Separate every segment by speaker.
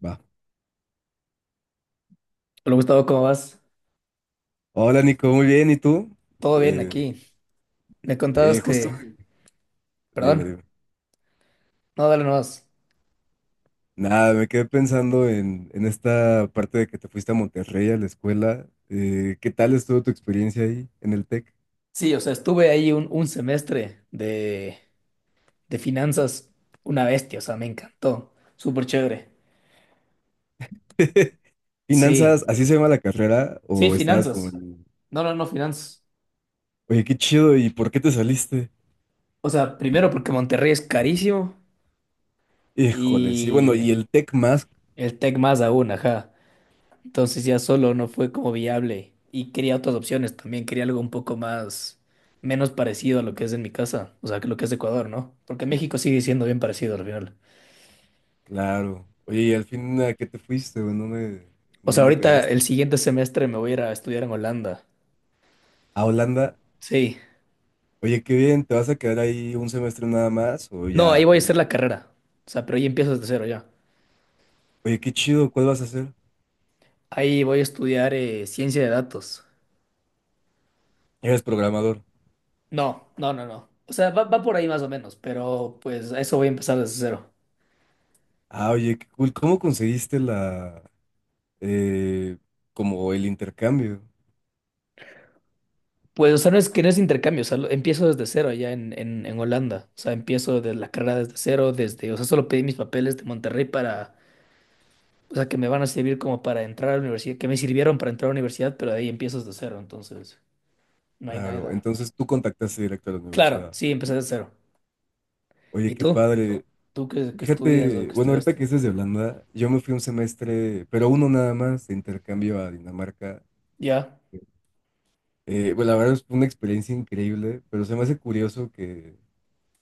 Speaker 1: Va.
Speaker 2: Hola Gustavo, ¿cómo vas?
Speaker 1: Hola Nico, muy bien, ¿y tú?
Speaker 2: Todo bien
Speaker 1: Eh,
Speaker 2: aquí. Me
Speaker 1: que
Speaker 2: contabas
Speaker 1: justo,
Speaker 2: que...
Speaker 1: dime,
Speaker 2: Perdón,
Speaker 1: dime.
Speaker 2: no, dale nomás.
Speaker 1: Nada, me quedé pensando en esta parte de que te fuiste a Monterrey a la escuela. ¿Qué tal estuvo tu experiencia ahí en el TEC?
Speaker 2: Sí, o sea, estuve ahí un semestre de finanzas, una bestia, o sea, me encantó. Súper chévere.
Speaker 1: ¿Finanzas,
Speaker 2: Sí,
Speaker 1: así se llama la carrera?
Speaker 2: sí,
Speaker 1: ¿O estabas como,
Speaker 2: finanzas.
Speaker 1: en,
Speaker 2: No, no, no, finanzas.
Speaker 1: oye, qué chido, ¿y por qué te saliste?
Speaker 2: O sea, primero porque Monterrey es carísimo
Speaker 1: Híjole, sí, bueno,
Speaker 2: y
Speaker 1: ¿y el TEC más?
Speaker 2: el Tec más aún, ajá. Entonces ya solo no fue como viable y quería otras opciones también, quería algo un poco más, menos parecido a lo que es en mi casa, o sea, que lo que es de Ecuador, ¿no? Porque México sigue siendo bien parecido al final.
Speaker 1: Claro. Oye, ¿y al fin a qué te fuiste? ¿O ¿En dónde, en
Speaker 2: O sea,
Speaker 1: dónde
Speaker 2: ahorita
Speaker 1: quedaste?
Speaker 2: el siguiente semestre me voy a ir a estudiar en Holanda.
Speaker 1: ¿A Holanda?
Speaker 2: Sí.
Speaker 1: Oye, qué bien, ¿te vas a quedar ahí un semestre nada más o
Speaker 2: No, ahí
Speaker 1: ya?
Speaker 2: voy a hacer la carrera. O sea, pero ahí empiezo desde cero ya.
Speaker 1: Oye, qué chido, ¿cuál vas a hacer?
Speaker 2: Ahí voy a estudiar ciencia de datos.
Speaker 1: ¿Eres programador?
Speaker 2: No, no, no, no. O sea, va por ahí más o menos, pero pues a eso voy a empezar desde cero.
Speaker 1: Ah, oye, qué cool. ¿Cómo conseguiste eh, como el intercambio?
Speaker 2: Pues, o sea, no es que no es intercambio, o sea, empiezo desde cero allá en Holanda, o sea, empiezo de la carrera desde cero, desde, o sea, solo pedí mis papeles de Monterrey para, o sea, que me van a servir como para entrar a la universidad, que me sirvieron para entrar a la universidad, pero de ahí empiezo desde cero, entonces, no hay
Speaker 1: Claro,
Speaker 2: nada.
Speaker 1: entonces tú contactaste directo a la
Speaker 2: Claro,
Speaker 1: universidad.
Speaker 2: sí, empecé desde cero.
Speaker 1: Oye,
Speaker 2: ¿Y
Speaker 1: qué
Speaker 2: tú?
Speaker 1: padre.
Speaker 2: ¿Tú qué, qué estudias o
Speaker 1: Fíjate,
Speaker 2: qué
Speaker 1: bueno, ahorita que
Speaker 2: estudiaste?
Speaker 1: dices de Holanda, yo me fui un semestre, pero uno nada más, de intercambio a Dinamarca.
Speaker 2: Ya.
Speaker 1: Bueno, la verdad es una experiencia increíble, pero se me hace curioso que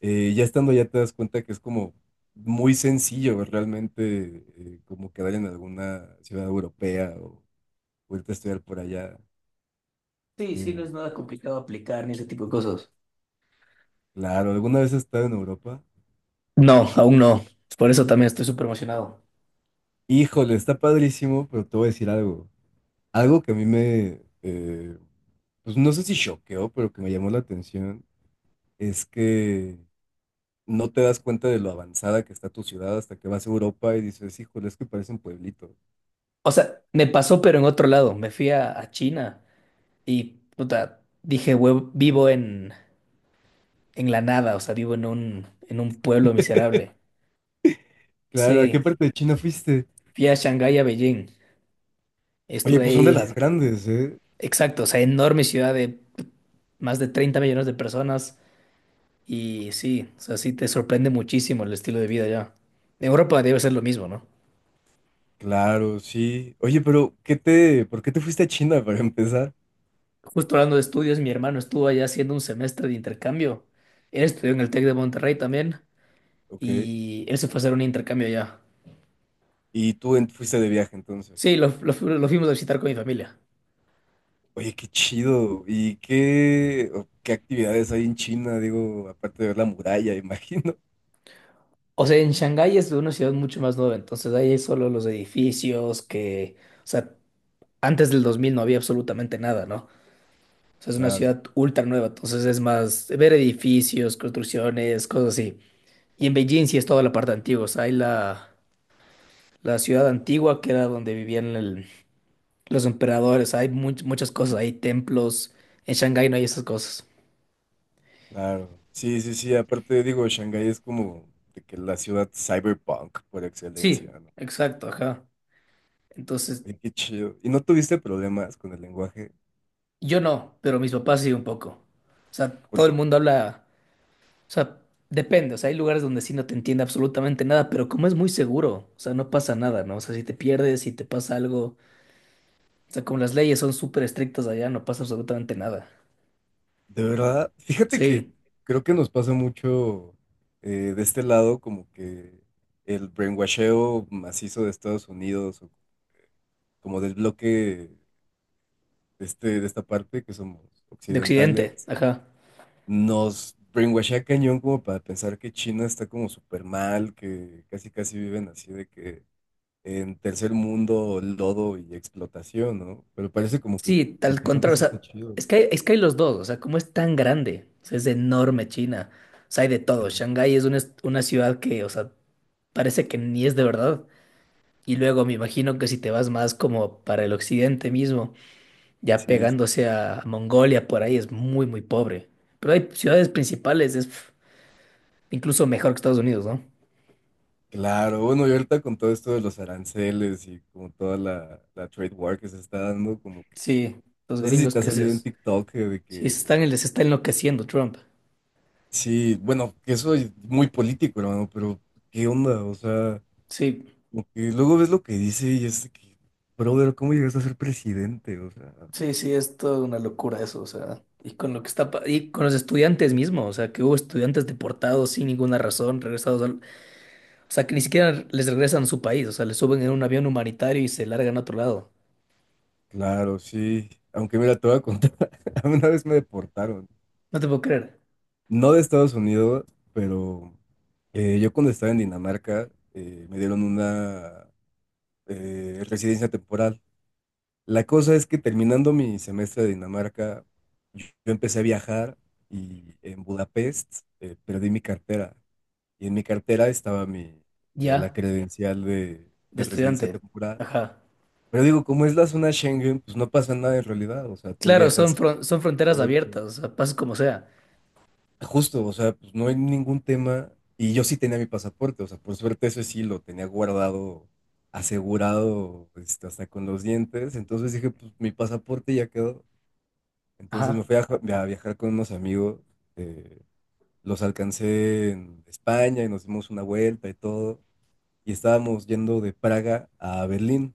Speaker 1: ya estando ya te das cuenta que es como muy sencillo realmente como quedar en alguna ciudad europea o irte a estudiar por allá.
Speaker 2: Sí, sí, no
Speaker 1: Eh,
Speaker 2: es nada complicado aplicar ni ese tipo de cosas.
Speaker 1: claro, ¿alguna vez has estado en Europa?
Speaker 2: No, aún no. Por eso también estoy súper emocionado.
Speaker 1: Híjole, está padrísimo, pero te voy a decir algo. Algo que a mí me, pues no sé si choqueó, pero que me llamó la atención, es que no te das cuenta de lo avanzada que está tu ciudad hasta que vas a Europa y dices, híjole, es que parece un pueblito.
Speaker 2: O sea, me pasó, pero en otro lado. Me fui a China. Y puta, dije, vivo en la nada, o sea, vivo en un pueblo miserable.
Speaker 1: Claro, ¿a qué
Speaker 2: Sí,
Speaker 1: parte de China fuiste?
Speaker 2: fui a Shanghái, a Beijing.
Speaker 1: Oye,
Speaker 2: Estuve
Speaker 1: pues son de
Speaker 2: ahí,
Speaker 1: las grandes, ¿eh?
Speaker 2: exacto, o sea, enorme ciudad de más de 30 millones de personas. Y sí, o sea, sí te sorprende muchísimo el estilo de vida allá. En Europa debe ser lo mismo, ¿no?
Speaker 1: Claro, sí. Oye, pero por qué te fuiste a China para empezar?
Speaker 2: Justo hablando de estudios, mi hermano estuvo allá haciendo un semestre de intercambio. Él estudió en el Tec de Monterrey también
Speaker 1: Ok.
Speaker 2: y él se fue a hacer un intercambio allá.
Speaker 1: Y tú fuiste de viaje entonces.
Speaker 2: Sí, lo fuimos a visitar con mi familia.
Speaker 1: Oye, qué chido. ¿Y qué actividades hay en China? Digo, aparte de ver la muralla, imagino.
Speaker 2: O sea, en Shanghái es una ciudad mucho más nueva, entonces ahí hay solo los edificios que, o sea, antes del 2000 no había absolutamente nada, ¿no? O sea, es una
Speaker 1: Claro,
Speaker 2: ciudad ultra nueva, entonces es más ver edificios, construcciones, cosas así. Y en Beijing sí es toda la parte antigua, o sea, hay la ciudad antigua que era donde vivían los emperadores, hay muchas cosas, hay templos, en Shanghái no hay esas cosas.
Speaker 1: claro. Sí, sí, sí. Aparte, digo, Shanghái es como de que la ciudad cyberpunk por
Speaker 2: Sí,
Speaker 1: excelencia, ¿no?
Speaker 2: exacto, ajá. Entonces,
Speaker 1: Oye, qué chido. ¿Y no tuviste problemas con el lenguaje?
Speaker 2: yo no, pero mis papás sí un poco. O sea, todo el mundo habla. O sea, depende, o sea, hay lugares donde sí no te entiende absolutamente nada, pero como es muy seguro, o sea, no pasa nada, ¿no? O sea, si te pierdes, si te pasa algo, o sea, como las leyes son súper estrictas allá, no pasa absolutamente nada.
Speaker 1: De verdad, fíjate que
Speaker 2: Sí,
Speaker 1: creo que nos pasa mucho de este lado, como que el brainwasheo macizo de Estados Unidos, o como del bloque de esta parte, que somos
Speaker 2: de Occidente,
Speaker 1: occidentales,
Speaker 2: ajá.
Speaker 1: nos brainwashea cañón como para pensar que China está como súper mal, que casi casi viven así de que en tercer mundo, lodo y explotación, ¿no? Pero parece como que
Speaker 2: Sí,
Speaker 1: por lo
Speaker 2: tal
Speaker 1: que
Speaker 2: contrario,
Speaker 1: cuentas
Speaker 2: o
Speaker 1: sí está
Speaker 2: sea,
Speaker 1: chido.
Speaker 2: es que hay los dos, o sea, como es tan grande, o sea, es enorme China, o sea, hay de todo. Shanghái es una ciudad que, o sea, parece que ni es de verdad. Y luego me imagino que si te vas más como para el occidente mismo. Ya
Speaker 1: Sí, sí.
Speaker 2: pegándose a Mongolia, por ahí es muy, muy pobre. Pero hay ciudades principales, es pf, incluso mejor que Estados Unidos, ¿no?
Speaker 1: Claro, bueno, y ahorita con todo esto de los aranceles y como toda la trade war que se está dando, como que,
Speaker 2: Sí, los
Speaker 1: no sé si
Speaker 2: gringos
Speaker 1: te ha
Speaker 2: que se,
Speaker 1: salido en
Speaker 2: sí,
Speaker 1: TikTok de
Speaker 2: se
Speaker 1: que,
Speaker 2: están, les está enloqueciendo Trump.
Speaker 1: sí, bueno, que eso es muy político, hermano, pero ¿qué onda? O sea,
Speaker 2: Sí,
Speaker 1: como que luego ves lo que dice y es de que, brother, ¿cómo llegas a ser presidente? O sea,
Speaker 2: sí, sí, es toda una locura eso, o sea, y con lo que está, y con los estudiantes mismos, o sea, que hubo estudiantes deportados sin ninguna razón, regresados al, o sea, que ni siquiera les regresan a su país, o sea, les suben en un avión humanitario y se largan a otro lado.
Speaker 1: claro, sí, aunque mira, te voy a contar, a mí una vez me deportaron,
Speaker 2: No te puedo creer.
Speaker 1: no de Estados Unidos, pero. Yo cuando estaba en Dinamarca, me dieron una residencia temporal. La cosa es que terminando mi semestre de Dinamarca, yo empecé a viajar y en Budapest perdí mi cartera. Y en mi cartera estaba la
Speaker 2: Ya,
Speaker 1: credencial de,
Speaker 2: de
Speaker 1: de residencia
Speaker 2: estudiante.
Speaker 1: temporal.
Speaker 2: Ajá.
Speaker 1: Pero digo, como es la zona Schengen, pues no pasa nada en realidad. O sea, tú
Speaker 2: Claro, son,
Speaker 1: viajas
Speaker 2: son fronteras
Speaker 1: por
Speaker 2: abiertas, o sea, pases como sea.
Speaker 1: Justo, o sea, pues no hay ningún tema. Y yo sí tenía mi pasaporte, o sea, por suerte eso sí lo tenía guardado, asegurado, este, hasta con los dientes. Entonces dije, pues mi pasaporte ya quedó. Entonces me
Speaker 2: Ajá,
Speaker 1: fui a viajar con unos amigos, eh, los alcancé en España y nos dimos una vuelta y todo. Y estábamos yendo de Praga a Berlín.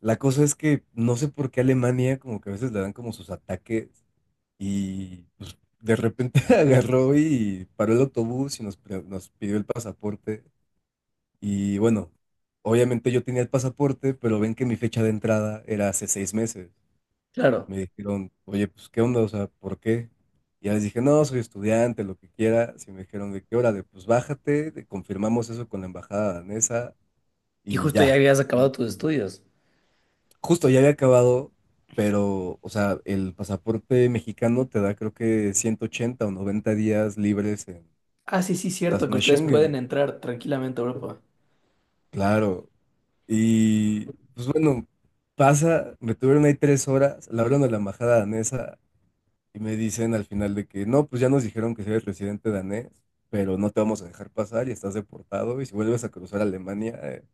Speaker 1: La cosa es que no sé por qué Alemania como que a veces le dan como sus ataques. Y pues, de repente agarró y paró el autobús y nos pidió el pasaporte. Y bueno, obviamente yo tenía el pasaporte, pero ven que mi fecha de entrada era hace 6 meses.
Speaker 2: claro.
Speaker 1: Me dijeron, oye, pues, ¿qué onda? O sea, ¿por qué? Y ya les dije, no, soy estudiante, lo que quiera. Y me dijeron, ¿de qué hora? De, pues, bájate, confirmamos eso con la embajada danesa
Speaker 2: Y
Speaker 1: y
Speaker 2: justo ya
Speaker 1: ya.
Speaker 2: habías acabado tus estudios.
Speaker 1: Justo ya había acabado, pero, o sea, el pasaporte mexicano te da creo que 180 o 90 días libres en
Speaker 2: Ah, sí, sí,
Speaker 1: la
Speaker 2: cierto, que
Speaker 1: zona
Speaker 2: ustedes pueden
Speaker 1: Schengen.
Speaker 2: entrar tranquilamente a Europa.
Speaker 1: Claro. Y, pues bueno, pasa, me tuvieron ahí 3 horas, la hablan a la embajada danesa y me dicen al final de que, no, pues ya nos dijeron que si eres residente danés, pero no te vamos a dejar pasar y estás deportado y si vuelves a cruzar Alemania,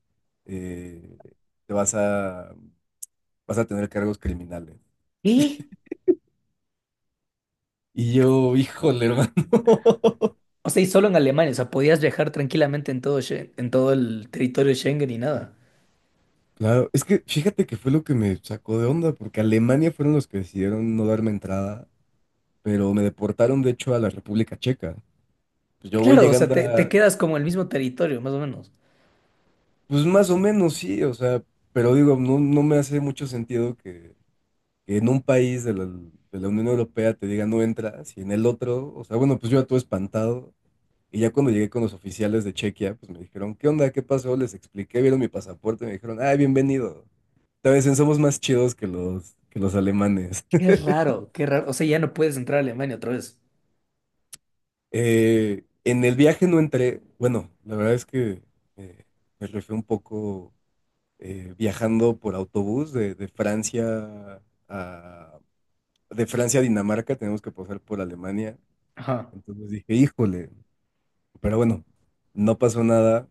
Speaker 1: eh, te vas a, vas a tener cargos criminales.
Speaker 2: ¿Y?
Speaker 1: Y yo, híjole, hermano.
Speaker 2: O sea, y solo en Alemania, o sea, podías viajar tranquilamente en todo, en todo el territorio Schengen y nada.
Speaker 1: Claro, es que fíjate que fue lo que me sacó de onda, porque Alemania fueron los que decidieron no darme entrada, pero me deportaron de hecho a la República Checa. Pues yo voy
Speaker 2: Claro, o sea,
Speaker 1: llegando
Speaker 2: te quedas como en el mismo territorio, más o menos.
Speaker 1: pues más o menos, sí, o sea, pero digo, no, no me hace mucho sentido que en un país de la Unión Europea te diga no entras y en el otro, o sea, bueno, pues yo ya todo espantado. Y ya cuando llegué con los oficiales de Chequia, pues me dijeron, ¿qué onda? ¿Qué pasó? Les expliqué, vieron mi pasaporte, me dijeron, ah, bienvenido. Te dicen, somos más chidos que los alemanes.
Speaker 2: Qué raro, qué raro. O sea, ya no puedes entrar a Alemania otra vez.
Speaker 1: En el viaje no entré, bueno, la verdad es que eh, me refiero un poco viajando por autobús de Francia a Dinamarca, tenemos que pasar por Alemania.
Speaker 2: Ajá,
Speaker 1: Entonces dije, híjole, pero bueno, no pasó nada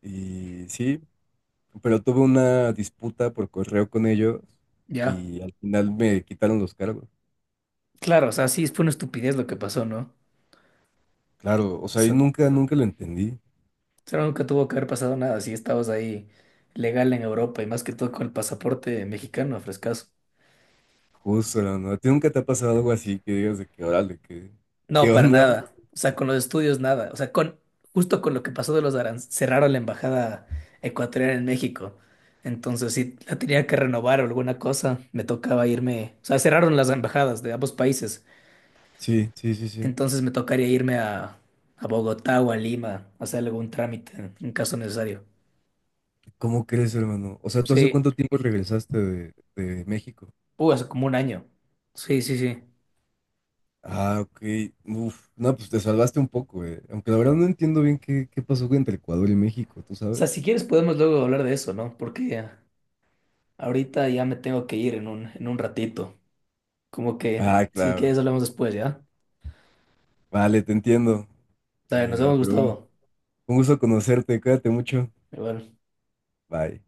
Speaker 1: y sí, pero tuve una disputa por correo con ellos
Speaker 2: ya.
Speaker 1: y al final me quitaron los cargos.
Speaker 2: Claro, o sea, sí, fue una estupidez lo que pasó, ¿no?
Speaker 1: Claro, o
Speaker 2: O
Speaker 1: sea, y
Speaker 2: sea,
Speaker 1: nunca, nunca lo entendí.
Speaker 2: pero nunca tuvo que haber pasado nada si estabas ahí legal en Europa y más que todo con el pasaporte mexicano, frescazo.
Speaker 1: Justo, ¿no? ¿A ti nunca te ha pasado algo así que digas de que, órale, qué,
Speaker 2: No,
Speaker 1: qué
Speaker 2: para
Speaker 1: onda?
Speaker 2: nada. O sea, con los estudios nada. O sea, con justo con lo que pasó de los aranceles, cerraron la embajada ecuatoriana en México. Entonces, si la tenía que renovar o alguna cosa, me tocaba irme. O sea, cerraron las embajadas de ambos países.
Speaker 1: Sí, sí, sí, sí.
Speaker 2: Entonces me tocaría irme a Bogotá o a Lima, a hacer algún trámite en caso necesario.
Speaker 1: ¿Cómo crees, hermano? O sea, ¿tú hace
Speaker 2: Sí,
Speaker 1: cuánto tiempo regresaste de México?
Speaker 2: hace como 1 año. Sí, sí, sí.
Speaker 1: Ah, ok. Uf, no, pues te salvaste un poco, eh. Aunque la verdad no entiendo bien qué, pasó entre Ecuador y México, ¿tú
Speaker 2: O sea,
Speaker 1: sabes?
Speaker 2: si quieres podemos luego hablar de eso, ¿no? Porque ahorita ya me tengo que ir en un ratito. Como que,
Speaker 1: Ah,
Speaker 2: si
Speaker 1: claro.
Speaker 2: quieres hablamos después, ¿ya?
Speaker 1: Vale, te entiendo.
Speaker 2: Dale, nos vemos,
Speaker 1: Pero bueno,
Speaker 2: Gustavo.
Speaker 1: un gusto conocerte. Cuídate mucho.
Speaker 2: Igual.
Speaker 1: Bye.